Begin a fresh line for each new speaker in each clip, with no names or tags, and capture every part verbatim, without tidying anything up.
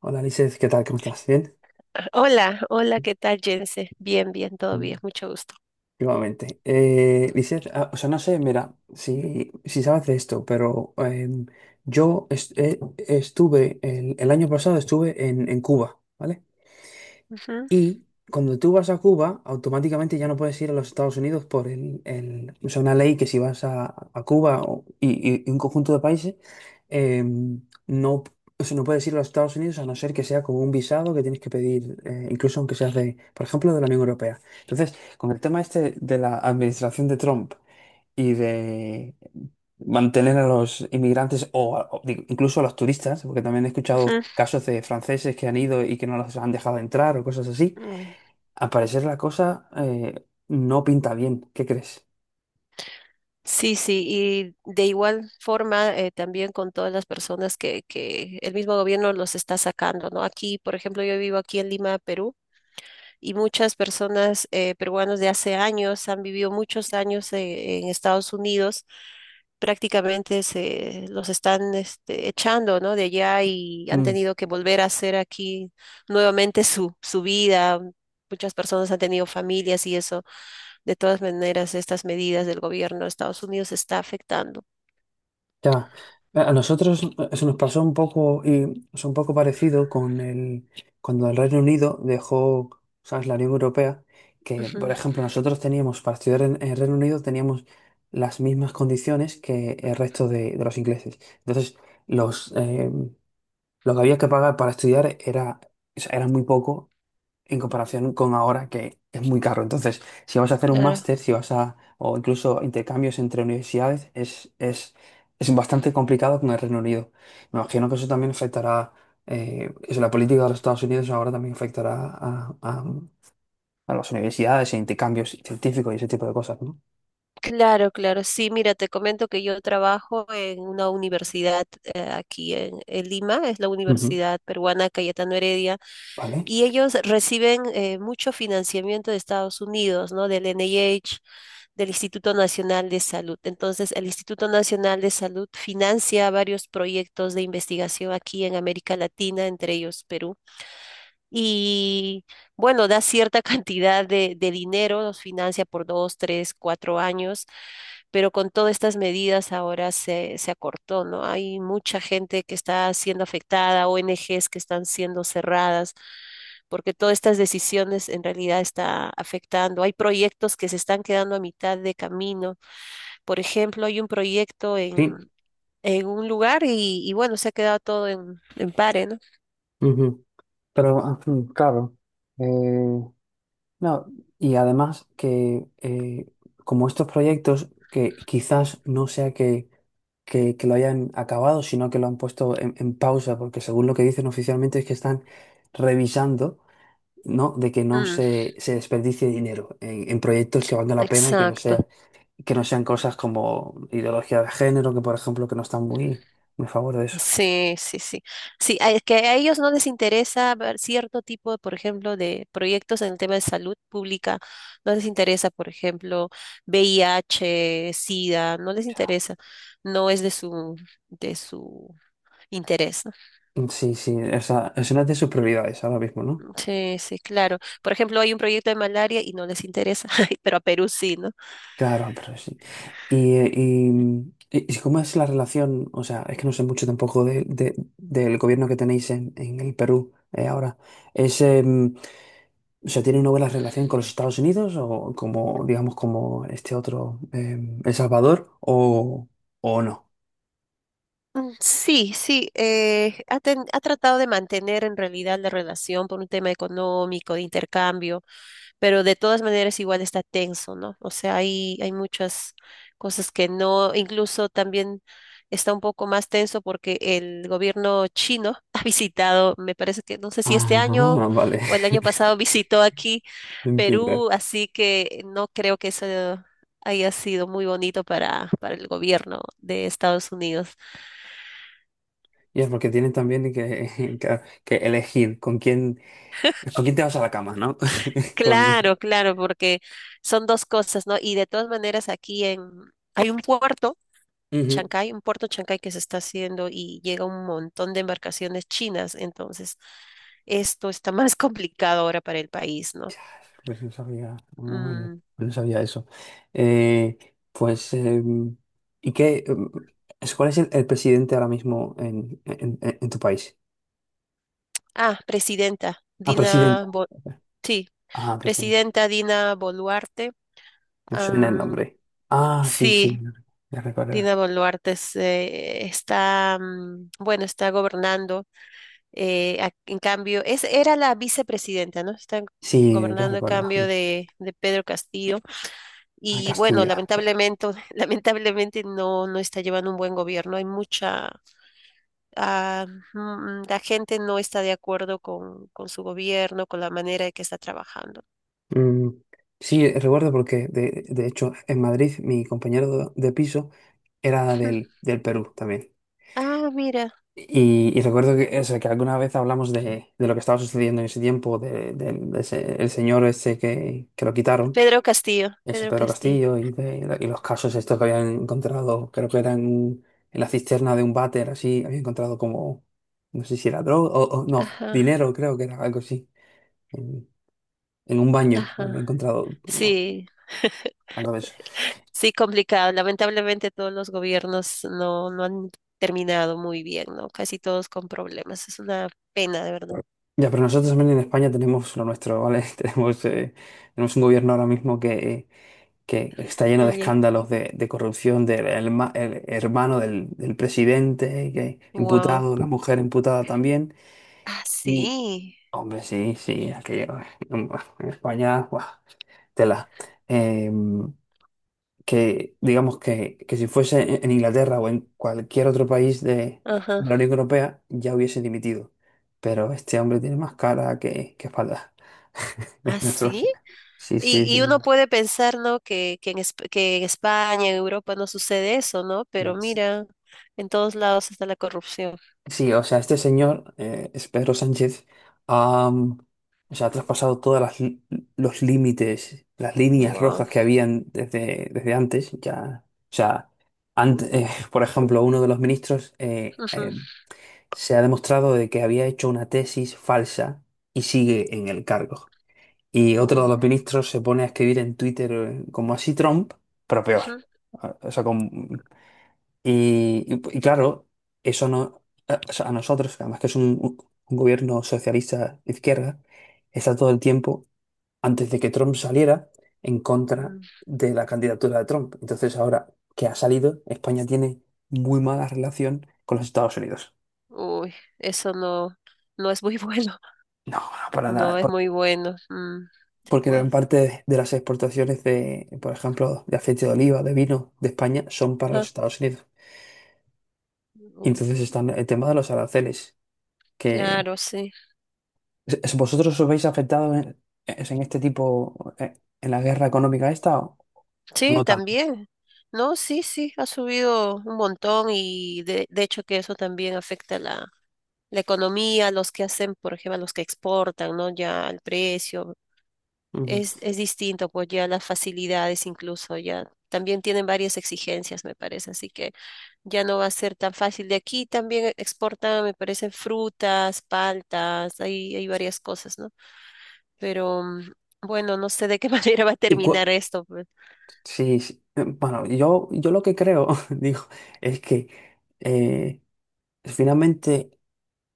Hola, Lizeth, ¿qué tal? ¿Cómo estás? ¿Bien?
Hola, hola, ¿qué tal, Jense? Bien, bien, todo
Muy
bien,
bien.
mucho gusto.
Igualmente. Eh, Lizeth, ah, o sea, no sé, mira, si, si sabes de esto, pero em, yo est- eh, estuve, el, el año pasado estuve en, en Cuba, ¿vale?
Ujú,
Y cuando tú vas a Cuba, automáticamente ya no puedes ir a los Estados Unidos por el, el- o sea, una ley que si vas a, a Cuba o- y, y un conjunto de países, eh, no, o sea, no puedes ir a los Estados Unidos a no ser que sea como un visado que tienes que pedir, eh, incluso aunque seas de, por ejemplo, de la Unión Europea. Entonces, con el tema este de la administración de Trump y de mantener a los inmigrantes o, a- o digo, incluso a los turistas, porque también he escuchado
ujú.
casos de franceses que han ido y que no los han dejado entrar o cosas así.
Uy.
Al parecer la cosa eh, no pinta bien, ¿qué crees?
Sí, sí, y de igual forma eh, también con todas las personas que, que el mismo gobierno los está sacando, ¿no? Aquí, por ejemplo, yo vivo aquí en Lima, Perú, y muchas personas eh, peruanos de hace años han vivido muchos años eh, en Estados Unidos, prácticamente se los están este, echando, ¿no? De allá y han
Mm,
tenido que volver a hacer aquí nuevamente su, su vida. Muchas personas han tenido familias y eso, de todas maneras, estas medidas del gobierno de Estados Unidos está afectando.
ya, a a nosotros eh, eso nos pasó un poco y es un poco parecido con el cuando el Reino Unido dejó, ¿sabes?, la Unión Europea, que por
Ujú,
ejemplo nosotros teníamos para estudiar en, el Reino Unido teníamos las mismas condiciones que el resto de, de los ingleses. Entonces, los eh, lo que había que pagar para estudiar era, o sea, era muy poco en comparación con ahora que es muy caro. Entonces, si vas a hacer un
claro.
máster, si vas a, o incluso intercambios entre universidades, es, es, es bastante complicado con el Reino Unido. Me imagino que eso también afectará, eh, eso, la política de los Estados Unidos ahora también afectará a, a- a las universidades e intercambios científicos y ese tipo de cosas, ¿no?
Claro, claro. Sí, mira, te comento que yo trabajo en una universidad eh, aquí en, en Lima, es la
Ujú.
Universidad Peruana Cayetano Heredia,
¿Vale?
y ellos reciben eh, mucho financiamiento de Estados Unidos, ¿no? Del N I H, del Instituto Nacional de Salud. Entonces, el Instituto Nacional de Salud financia varios proyectos de investigación aquí en América Latina, entre ellos Perú. Y bueno, da cierta cantidad de, de dinero, nos financia por dos, tres, cuatro años, pero con todas estas medidas ahora se, se acortó, ¿no? Hay mucha gente que está siendo afectada, O N Ges que están siendo cerradas, porque todas estas decisiones en realidad está afectando. Hay proyectos que se están quedando a mitad de camino. Por ejemplo, hay un proyecto en,
Sí.
en un lugar y, y bueno, se ha quedado todo en, en pare, ¿no?
Ujú. Pero, ah, mm, claro. No, y además que eh, como estos proyectos que quizás no sea que, que, que lo hayan acabado, sino que lo han puesto en, en pausa, porque según lo que dicen oficialmente es que están revisando, ¿no? De que no
Mm,
se, se desperdicie dinero en, en proyectos que valgan la pena y que no
exacto.
sea, que no sean cosas como ideología de género, que por ejemplo que no están muy, muy a favor de eso.
Sí, sí, sí. Sí, a- es que a ellos no les interesa ver cierto tipo, por ejemplo, de proyectos en el tema de salud pública. No les interesa, por ejemplo, V I H, SIDA, no les
O sea,
interesa. No es de su, de su interés, ¿no?
sí, sí, esa, es una de sus prioridades ahora mismo, ¿no?
Sí, sí, claro. Por ejemplo, hay un proyecto de malaria y no les interesa, pero a Perú sí, ¿no?
Claro, pero sí. Y, eh, y, y- y cómo es la relación? O sea, es que no sé mucho tampoco de- de- del gobierno que tenéis en, en el Perú eh, ahora. ¿Es, em, o sea, tiene una buena relación con los Estados Unidos o como, digamos, como este otro, em, El Salvador o, o no?
Mm, sí, sí, eh, ha, ten- ha tratado de mantener en realidad la relación por un tema económico, de intercambio, pero de todas maneras igual está tenso, ¿no? O sea, hay, hay muchas cosas que no, incluso también está un poco más tenso porque el gobierno chino ha visitado, me parece que no sé si este año
Ah, vale.
o el año pasado visitó aquí
Entiendo.
Perú, así que no creo que eso haya sido muy bonito para, para el gobierno de Estados Unidos.
Y es porque tienen también que, que, que elegir con quién, con quién te vas a la cama, ¿no? Con...
Claro, claro, porque son dos cosas, ¿no? Y de todas maneras aquí en, hay un puerto
Ujú.
Chancay, un puerto Chancay que se está haciendo y llega un montón de embarcaciones chinas, entonces esto está más complicado ahora para el país, ¿no?
Pues no sabía, no, no-
Mm,
no sabía eso. Eh, pues, eh, ¿y qué? eh, ¿Cuál es el, el presidente ahora mismo en, en- en- en tu país?
ah, presidenta
Ah,
Dina,
presidenta.
Bo- sí,
Ah, presidenta.
presidenta Dina Boluarte.
Me suena el
Am,
nombre. Ah, sí, sí,
sí,
ya recuerdo.
Dina Boluarte se- está, mm, bueno, está gobernando. Eh, a- en cambio, es, era la vicepresidenta, ¿no? Está
Sí, ya
gobernando a cambio
recuerdo.
de, de Pedro Castillo.
A
Y bueno,
Castillo.
lamentablemente, lamentablemente no, no está llevando un buen gobierno. Hay mucha, ah, mm, La gente no está de acuerdo con, con su gobierno, con la manera en que está trabajando.
Mm, sí, recuerdo porque, de, de hecho, en Madrid mi compañero de piso era del, del Perú también.
Ah, mira,
Y, y recuerdo que, o sea, que alguna vez hablamos de, de lo que estaba sucediendo en ese tiempo, de, del- de ese- el señor ese que, que lo quitaron,
Pedro Castillo,
ese
Pedro
Pedro
Castillo.
Castillo, y, de, y los casos estos que habían encontrado, creo que eran en la cisterna de un váter, así, habían encontrado como, no sé si era droga, o, o no,
Ajá,
dinero, creo que era algo así, en, en un baño, había
ajá.
encontrado como
Sí,
algo de eso.
sí, complicado. Lamentablemente todos los gobiernos no, no han terminado muy bien, ¿no? Casi todos con problemas. Es una pena, de verdad.
Ya, pero nosotros también en España tenemos lo nuestro, ¿vale? Tenemos, eh, tenemos un gobierno ahora mismo que... que está lleno de escándalos de, de corrupción del herma- el hermano del, del presidente, que
Wow.
imputado, la mujer imputada también.
Ah,
Y,
sí.
hombre, sí, sí, aquello en España, buah, tela. Eh, que digamos que, que si fuese en en Inglaterra o en cualquier otro país de,
Ajá.
de la Unión Europea, ya hubiese dimitido. Pero este hombre tiene más cara que, que espalda.
Ah
Es nuestro...
sí,
Sí, sí,
y, y uno puede pensar, ¿no? Que, que en, Esp- que en España, en Europa no sucede eso, ¿no? Pero
sí.
mira, en todos lados está la corrupción.
Sí, o sea, este señor eh, es Pedro Sánchez. Ha, mm, o sea, ha traspasado todas las los límites, las líneas
Wow.
rojas que habían desde, desde antes. Ya, o sea, ant- eh, por ejemplo, uno de los ministros eh, eh, se ha demostrado de que había hecho una tesis falsa y sigue en el cargo. Y otro de
Uy,
los ministros se pone a escribir en Twitter eh, como así Trump, pero peor.
ujú,
Ah, O sea, con, y, y- y claro, eso no, a, o sea, a nosotros, además que es un, un- un gobierno socialista de izquierda, está todo el tiempo, antes de que Trump saliera, en contra
mm,
de la candidatura de Trump. Entonces ahora que ha salido, España tiene muy mala relación con los Estados Unidos.
uy, eso no, no es muy bueno.
No, no, para
No
nada.
es
Por...
muy bueno. Mm, sí,
porque gran
pues.
parte de las exportaciones de, por ejemplo, de aceite de oliva, de vino de España, son para los
Ajá.
Estados Unidos. Y
Uy,
entonces están el tema de los aranceles.
claro, sí.
¿Es... ¿Vosotros os veis afectados en, es en este tipo, eh, en la guerra económica esta o o
Sí,
no tanto?
también. No, sí, sí, ha subido un montón y de, de hecho que eso también afecta la, la economía, los que hacen, por ejemplo, los que exportan, ¿no? Ya el precio
Ujú.
es, es distinto, pues ya las facilidades incluso ya también tienen varias exigencias, me parece, así que ya no va a ser tan fácil. De aquí también exportan, me parece, frutas, paltas, hay, hay varias cosas, ¿no? Pero mm, bueno, no sé de qué manera va a
Y cua-
terminar esto, pues.
sí, sí, eh, bueno, yo, yo lo que creo, digo, es que eh, finalmente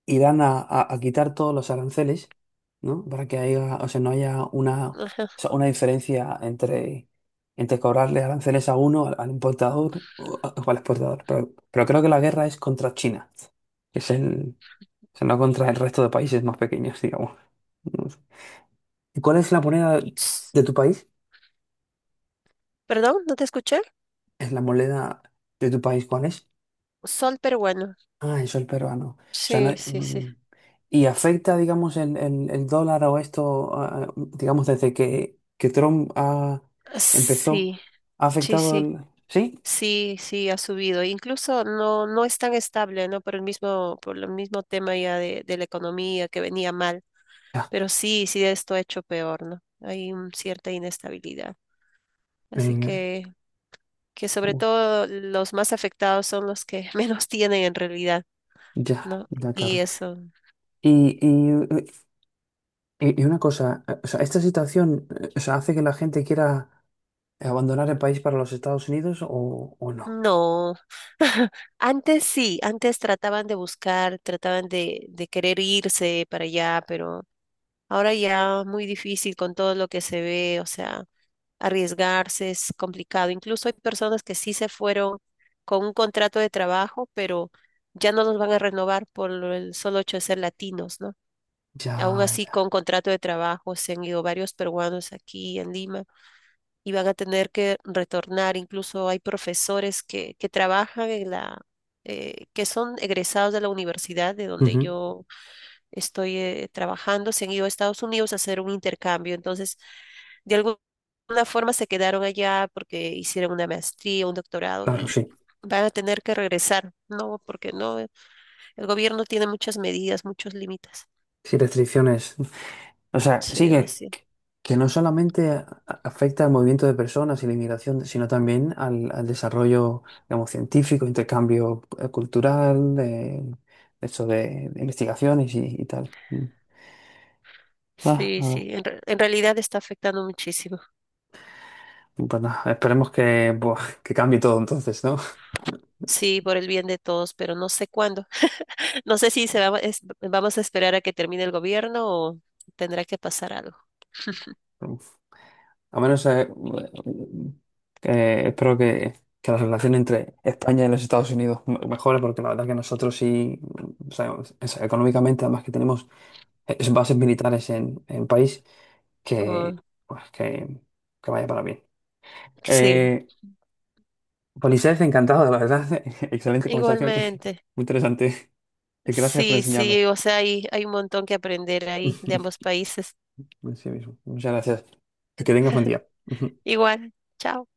irán a, a- a quitar todos los aranceles, ¿no? Para que haya, o sea, no haya una, o
Ajá.
sea, una diferencia entre, entre cobrarle aranceles a uno, al, al importador o, a- o al exportador. Pero, pero creo que la guerra es contra China, que es el, o sea, no contra el resto de países más pequeños, digamos. ¿Y cuál es la moneda
Ps,
de tu país?
perdón, no te escuché.
¿Es la moneda de tu país cuál es?
Sol peruano.
Ah, el sol peruano. O sea, no...
Sí, sí, sí.
mm. ¿Y afecta, digamos, el, el- el dólar o esto, ah, digamos, desde que, que Trump ah, empezó?
Sí,
¿Ha
sí,
afectado
sí.
el...? ¿Sí?
Sí, sí, ha subido. Incluso no, no es tan estable, ¿no? Por el mismo, por el mismo tema ya de, de la economía que venía mal.
Ya,
Pero sí, sí, esto ha hecho peor, ¿no? Hay un- cierta inestabilidad. Así
venga.
que, que sobre todo los más afectados son los que menos tienen en realidad,
Ya,
¿no?
ya,
Y
claro.
eso
Y, y, y- y una cosa, eh, o sea, esta situación, eh, o sea, hace que la gente quiera abandonar el país para los Estados Unidos o, o no.
no, antes sí, antes trataban de buscar, trataban de, de querer irse para allá, pero ahora ya muy difícil con todo lo que se ve, o sea, arriesgarse es complicado. Incluso hay personas que sí se fueron con un contrato de trabajo, pero ya no los van a renovar por lo- el solo hecho de ser latinos, ¿no? Aún
Ya,
así,
ya.
con contrato de trabajo se han ido varios peruanos aquí en Lima y van a tener que retornar. Incluso hay profesores que, que trabajan en la, eh, que son egresados de la universidad de donde
Ujú,
yo estoy eh, trabajando, se han ido a Estados Unidos a hacer un intercambio. Entonces, de alguna forma se quedaron allá porque hicieron una maestría, un doctorado
claro,
y
sí.
van a tener que regresar, ¿no? Porque no, eh, el gobierno tiene muchas medidas, muchos límites.
Sí, restricciones. O sea,
Sí,
sí que,
demasiado.
que no solamente a- afecta al movimiento de personas y la inmigración, sino también al, al desarrollo, digamos, científico, intercambio eh, cultural, eh, eso de, de investigaciones y, y tal. Mm. Ah,
Sí,
ah.
sí, en, re- en realidad está afectando muchísimo.
Pues nada, esperemos que, buah, que cambie todo entonces, ¿no?
Sí, por el bien de todos, pero no sé cuándo. No sé si se va- es- vamos a esperar a que termine el gobierno o tendrá que pasar algo.
A menos eh, que espero que, que la relación entre España y los Estados Unidos me- mejore, porque la verdad que nosotros sí, o sea, o sea, económicamente, además que tenemos eh, bases militares en el país, que,
Oh,
pues, que, que vaya para bien.
sí,
Eh, Polisés, encantado, la verdad. Excelente conversación,
igualmente.
muy interesante. Gracias por
Sí, sí,
enseñarme.
o sea, hay, hay un montón que aprender ahí de ambos países.
Sí mismo. Muchas gracias. Que tengas buen día.
Igual, chao.